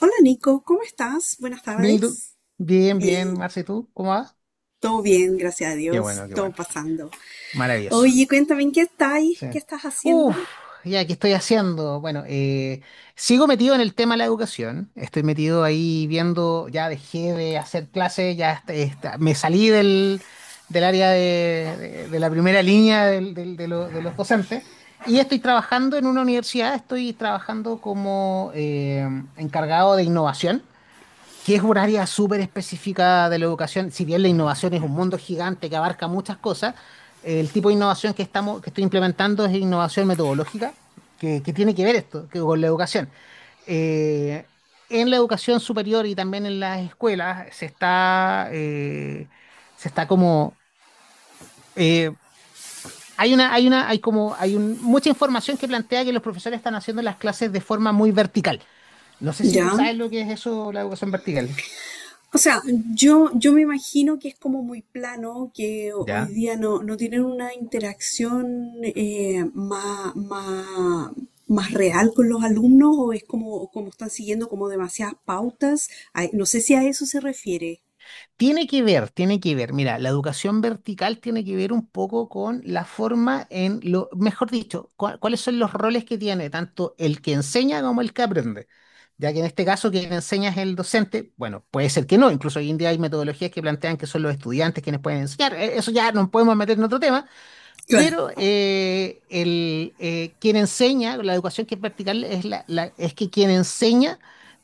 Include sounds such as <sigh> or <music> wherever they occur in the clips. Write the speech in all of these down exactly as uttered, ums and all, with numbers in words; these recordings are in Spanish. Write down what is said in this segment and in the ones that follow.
Hola Nico, ¿cómo estás? Buenas Bien, ¿y tú? tardes. Bien, bien, Bien, Marce, ¿y tú? ¿Cómo vas? todo bien, gracias a Qué Dios, bueno, qué todo bueno. pasando. Maravilloso. Oye, cuéntame, ¿en qué estáis? Sí. ¿Qué estás Uf, haciendo? ya, ¿qué estoy haciendo? Bueno, eh, sigo metido en el tema de la educación. Estoy metido ahí viendo, ya dejé de hacer clases, ya est- est- me salí del, del área de, de- de la primera línea del- del- de, lo- de los docentes y estoy trabajando en una universidad, estoy trabajando como eh, encargado de innovación. Que es un área súper específica de la educación, si bien la innovación es un mundo gigante que abarca muchas cosas, el tipo de innovación que estamos, que estoy implementando es innovación metodológica, que, que tiene que ver esto que con la educación. Eh, en la educación superior y también en las escuelas se está, eh, se está como eh, hay una, hay una, hay como, hay un- mucha información que plantea que los profesores están haciendo las clases de forma muy vertical. No sé si tú Ya. sabes lo que es eso, la educación vertical. O sea, yo, yo me imagino que es como muy plano, que ho- hoy ¿Ya? día no, no tienen una interacción eh, más, más, más real con los alumnos o es como, como, están siguiendo como demasiadas pautas. Ay, no sé si a eso se refiere. Tiene que ver, tiene que ver. Mira, la educación vertical tiene que ver un poco con la forma en lo, mejor dicho, cua- cuáles son los roles que tiene tanto el que enseña como el que aprende. Ya que en este caso quien enseña es el docente, bueno, puede ser que no, incluso hoy en día hay metodologías que plantean que son los estudiantes quienes pueden enseñar. Eh, eso ya nos podemos meter en otro tema, pero eh, el, eh, quien enseña, la educación que es vertical, es, la, la- es que quien enseña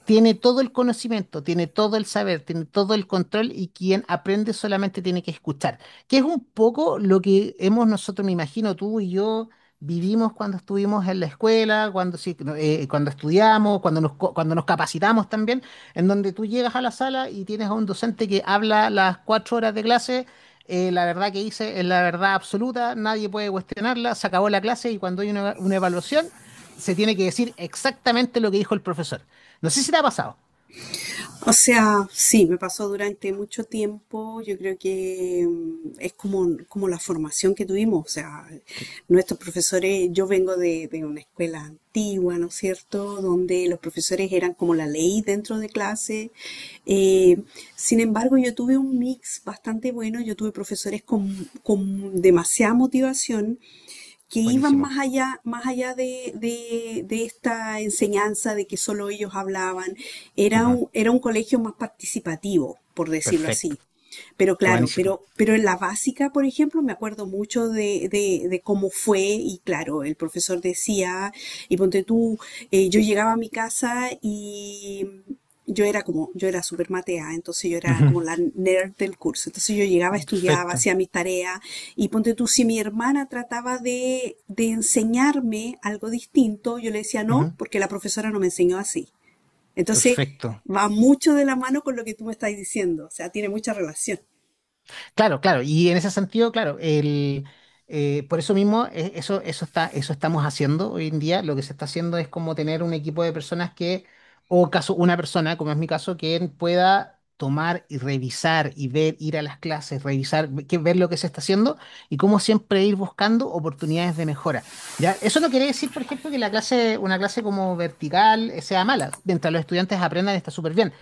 tiene todo el conocimiento, tiene todo el saber, tiene todo el control y quien aprende solamente tiene que escuchar, que es un poco lo que hemos nosotros, me imagino, tú y yo vivimos cuando estuvimos en la escuela, cuando, sí, no, eh, cuando estudiamos, cuando nos, co- cuando nos capacitamos también, en donde tú llegas a la sala y tienes a un docente que habla las cuatro horas de clase. eh, la verdad que hice es la verdad absoluta, nadie puede cuestionarla, se acabó la clase y cuando hay una, una evaluación se tiene que decir exactamente lo que dijo el profesor. No sé si te ha pasado. O sea, sí, me pasó durante mucho tiempo. Yo creo que mm, es como, como la formación que tuvimos. O sea, Qué nuestros profesores, yo vengo de, de una escuela antigua, ¿no es cierto? Donde los profesores eran como la ley dentro de clase. Eh, sin embargo, yo tuve un mix bastante bueno. Yo tuve profesores con, con demasiada motivación que iban buenísimo. más allá, más allá de, de- de esta enseñanza de que solo ellos hablaban. Era Ujú. un, era un colegio más participativo, por decirlo Perfecto. así. Pero Qué claro, buenísimo. pero, pero en la básica, por ejemplo, me acuerdo mucho de, de- de cómo fue y claro, el profesor decía, y ponte tú, eh, yo llegaba a mi casa y yo era como, yo era súper matea, entonces yo era Ujú. como la nerd del curso. Entonces yo llegaba, estudiaba, Perfecto. hacía mis tareas y ponte tú, si mi hermana trataba de, de enseñarme algo distinto, yo le decía no, Ujú. porque la profesora no me enseñó así. Entonces Perfecto. va mucho de la mano con lo que tú me estás diciendo, o sea, tiene mucha relación. Claro, claro, y en ese sentido, claro, el, eh, por eso mismo, e- eso, eso está, eso estamos haciendo hoy en día. Lo que se está haciendo es como tener un equipo de personas que, o caso, una persona, como es mi caso, que pueda tomar y revisar y ver, ir a las clases, revisar, ve- que, ver lo que se está haciendo y como siempre ir buscando oportunidades de mejora. ¿Ya? Eso no quiere decir, por ejemplo, que la clase, una clase como vertical, eh, sea mala. Mientras los estudiantes aprendan, está súper bien,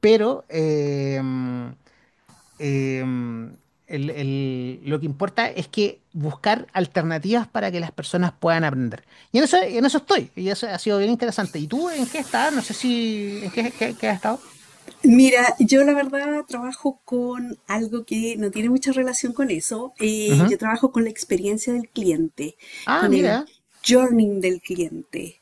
pero em, eh, el- el- lo que importa es que buscar alternativas para que las personas puedan aprender. Y en eso, en eso estoy, y eso ha sido bien interesante. ¿Y tú en qué estás? No sé si, ¿en qué, qué- qué has estado? Mira, yo la verdad trabajo con algo que no tiene mucha relación con eso. Eh, yo Ujú. trabajo con la experiencia del cliente, Ah, con el mira. journey del cliente,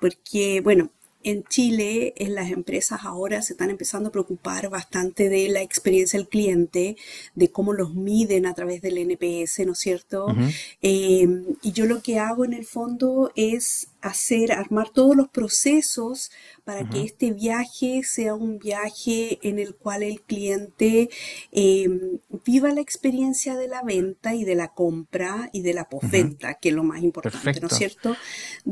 porque, bueno, en Chile, en las empresas ahora se están empezando a preocupar bastante de la experiencia del cliente, de cómo los miden a través del N P S, ¿no es cierto? Ujú, Eh, y yo lo que que hago en el fondo es hacer, armar todos los procesos para que ujú, este viaje sea un viaje en el cual el cliente eh, viva la experiencia de la venta y de la compra y de la ujú. postventa que es lo más importante, ¿no es Perfecto. cierto?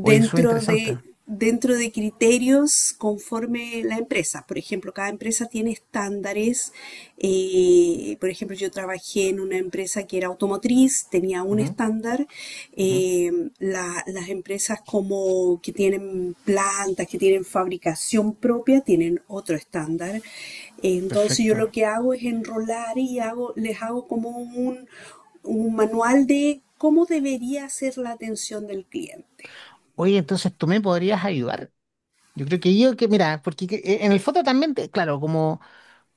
Oye, eso es de interesante. dentro de criterios conforme la empresa. Por ejemplo, cada empresa tiene estándares. eh, por ejemplo, yo trabajé en una empresa que era automotriz, tenía un Ujú, estándar. ujú. eh, la- las empresas como que tienen plantas, que tienen fabricación propia, tienen otro estándar. Entonces yo Perfecto. lo que hago es enrolar y hago, les hago como un, un manual de cómo debería ser la atención del cliente, Oye, entonces tú me podrías ayudar. Yo creo que yo que, mira, porque que- eh, en el foto también, te- claro, como...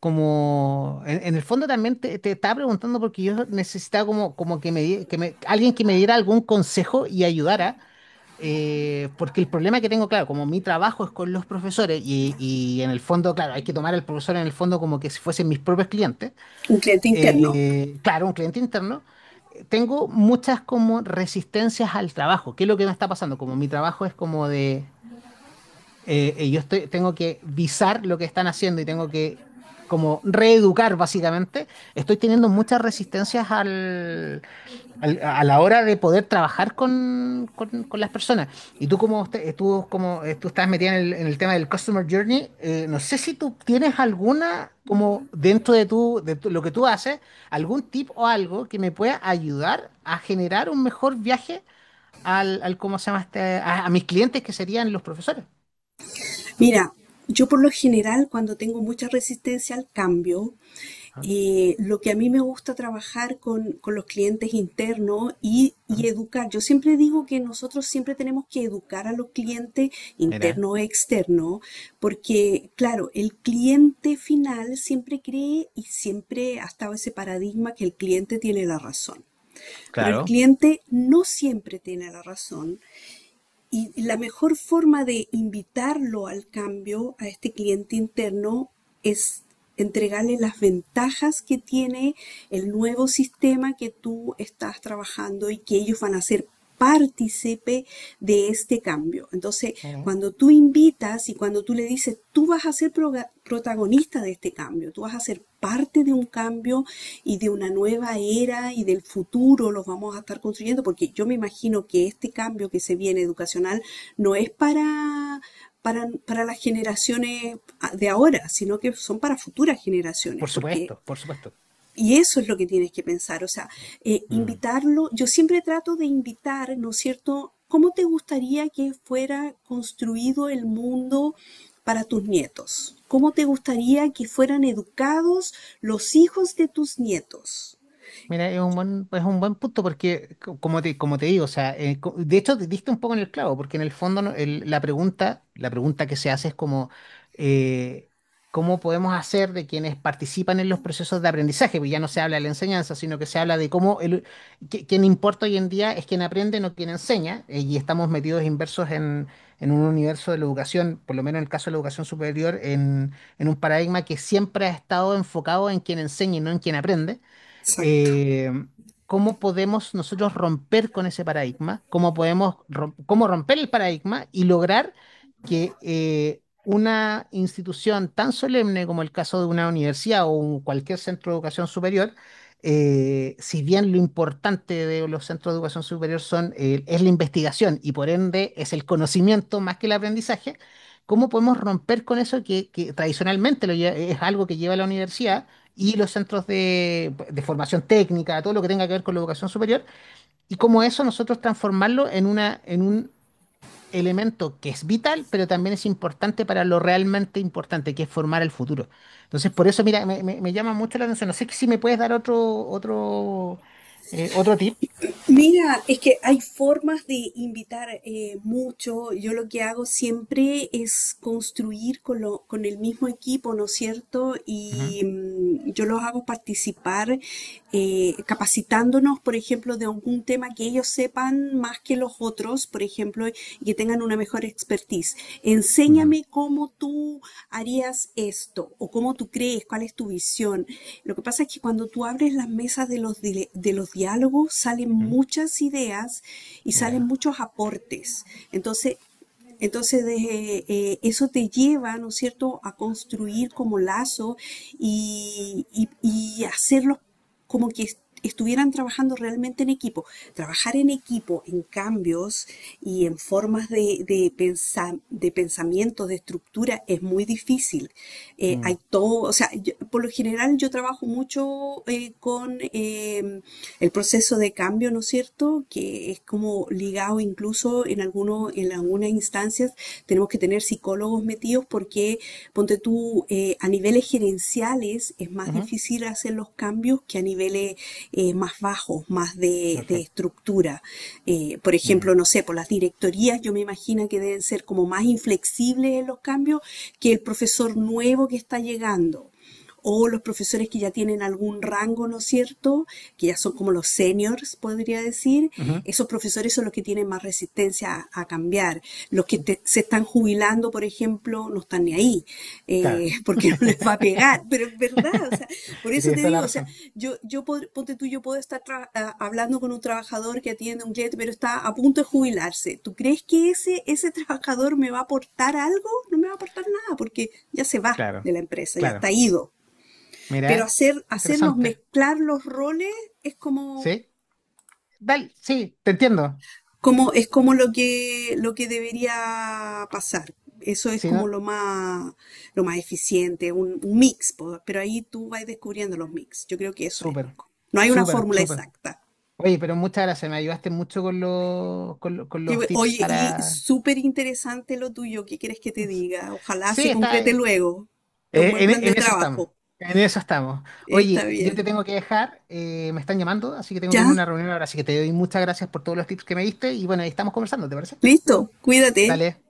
Como en, en el fondo también te, te estaba preguntando porque yo necesitaba como, como que me, di- que me- alguien que me diera algún consejo y ayudara, eh, porque el problema que tengo, claro, como mi trabajo es con los profesores y, y en el fondo, claro, hay que tomar al profesor en el fondo como que si fuesen mis propios clientes. un cliente interno. eh, claro, un cliente interno. eh, Tengo muchas como resistencias al trabajo, qué es lo que me está pasando, como mi trabajo es como de, eh, eh, yo estoy, tengo que visar lo que están haciendo y tengo que como reeducar básicamente, estoy teniendo muchas resistencias al, al- a la hora de poder trabajar con, con- con las personas. Y tú como, usted- eh, tú como eh, tú estás metida en el, en el tema del Customer Journey, eh, no sé si tú tienes alguna, como dentro de, tu, de tu- lo que tú haces, algún tip o algo que me pueda ayudar a generar un mejor viaje al, al, ¿cómo se llama este? A a mis clientes que serían los profesores. Mira, yo por lo general cuando tengo mucha resistencia al cambio, eh, lo que a mí me gusta trabajar con, con los clientes internos y, y Ah, educar. Yo siempre digo que nosotros siempre tenemos que educar a los clientes mira, internos e externos, porque claro, el cliente final siempre cree y siempre ha estado ese paradigma que el cliente tiene la razón. Pero el claro. cliente no siempre tiene la razón y la mejor forma de invitarlo al cambio, a este cliente interno, es entregarle las ventajas que tiene el nuevo sistema que tú estás trabajando y que ellos van a ser partícipe de este cambio. Entonces, Mira. cuando tú invitas y cuando tú le dices, tú vas a ser protagonista de este cambio, tú vas a ser parte de un cambio y de una nueva era y del futuro los vamos a estar construyendo, porque yo me imagino que este cambio que se viene educacional no es para, para, para, las generaciones de ahora, sino que son para futuras generaciones. Por supuesto, porque por supuesto. y eso es lo que tienes que pensar, o sea, eh, Mm. invitarlo, yo siempre trato de invitar, ¿no es cierto? ¿Cómo te gustaría que fuera construido el mundo para tus nietos? ¿Cómo te gustaría que fueran educados los hijos de tus nietos? Mira, es un buen, es un buen punto porque, co- como te, como te digo, o sea, eh, co- de hecho te diste un poco en el clavo, porque en el fondo no- el- la pregunta, la pregunta que se hace es como, eh, ¿cómo podemos hacer de quienes participan en los procesos de aprendizaje? Porque ya no se habla de la enseñanza, sino que se habla de cómo el, que- quien importa hoy en día es quien aprende, no quien enseña. eh, y estamos metidos inversos en, en un universo de la educación, por lo menos en el caso de la educación superior, en, en un paradigma que siempre ha estado enfocado en quien enseña y no en quien aprende. Exacto. eh, cómo podemos nosotros romper con ese paradigma, cómo podemos rom- cómo romper el paradigma y lograr que eh, una institución tan solemne como el caso de una universidad o un- cualquier centro de educación superior, eh, si bien lo importante de los centros de educación superior son, eh, es la investigación y por ende es el conocimiento más que el aprendizaje, ¿cómo podemos romper con eso que, que tradicionalmente lo lle- es algo que lleva la universidad? Y los centros de, de formación técnica, todo lo que tenga que ver con la educación superior, y cómo eso nosotros transformarlo en una, en un elemento que es vital, pero también es importante para lo realmente importante, que es formar el futuro. Entonces, por eso, mira, me, me- me llama mucho la atención. No sé si me puedes dar otro, otro, eh, otro tip. Mira, es que hay formas de invitar eh, mucho. Yo lo que hago siempre es construir con, lo- con el mismo equipo, ¿no es cierto? Ujú, Y mm, yo los hago participar eh, capacitándonos, por ejemplo, de algún tema que ellos sepan más que los los otros, por ejemplo, y que tengan una mejor expertise. ujú. Enséñame cómo tú harías esto o cómo tú crees, cuál es tu visión. Lo que pasa es que cuando tú abres las mesas de los, di- de los diálogos salen Ujú. muchas ideas y salen Mira. muchos aportes. Entonces, entonces, de- eh, eso te lleva, ¿no es cierto?, a construir como lazo y, y, y hacerlos como que est- estuvieran trabajando realmente en equipo. Trabajar en equipo, en cambios y en formas de, de, pensa- de pensamiento, de estructura, es muy difícil. Eh, Mm, hay todo, o sea, yo- por lo general yo trabajo mucho eh, con eh, el proceso de proceso de cambio, ¿no es cierto? Que es como ligado incluso en algunos, en algunas instancias tenemos que tener psicólogos metidos porque, ponte tú, eh, a niveles gerenciales es más ujú, difícil hacer los cambios que a niveles eh, más bajos, más de, de perfecto. estructura. Eh, por ejemplo, Mm. no sé, por las directorías yo me imagino que deben ser como más inflexibles en los cambios que el profesor nuevo que está llegando o los profesores que ya tienen algún rango, ¿no es cierto? Que ya son como los seniors, podría decir. Ujú. Esos profesores son los que tienen más resistencia a, a cambiar. Los que te, se están jubilando, por ejemplo, no están ni ahí, Claro. eh, <laughs> porque no les va a pegar. <laughs> Pero es verdad, o sea, por Y eso tienes te toda la digo, o sea, razón. yo, yo pod- ponte tú, yo puedo estar tra- a- hablando con un trabajador que atiende un cliente, pero está a punto de jubilarse. ¿Tú crees que ese, ese trabajador me va a aportar algo? No me va a aportar nada, porque ya se va Claro, de la empresa, ya claro. está ido Mira, pero eh, hacer, hacernos interesante. mezclar los roles es como, ¿Sí? Dale, sí, te entiendo. como, es como lo que, lo que debería pasar. Eso es Sí, como no, lo más, lo más eficiente, un, un mix, pero ahí tú vas descubriendo los mix. Yo creo que eso es, súper, Nico. No hay una súper, fórmula súper. exacta. Oye, pero muchas gracias, me ayudaste mucho con los, con, lo- con los tips Oye, y para... súper interesante lo tuyo, ¿qué quieres que te diga? Ojalá Sí, se está... concrete eh, luego. Es un buen En, plan en de eso estamos, trabajo. en eso estamos. Está Oye, yo bien. te tengo que dejar, eh, me están llamando, así que tengo que Ya, irme a una reunión ahora, así que te doy muchas gracias por todos los tips que me diste y bueno, ahí estamos conversando, ¿te parece? listo, cuídate. Dale,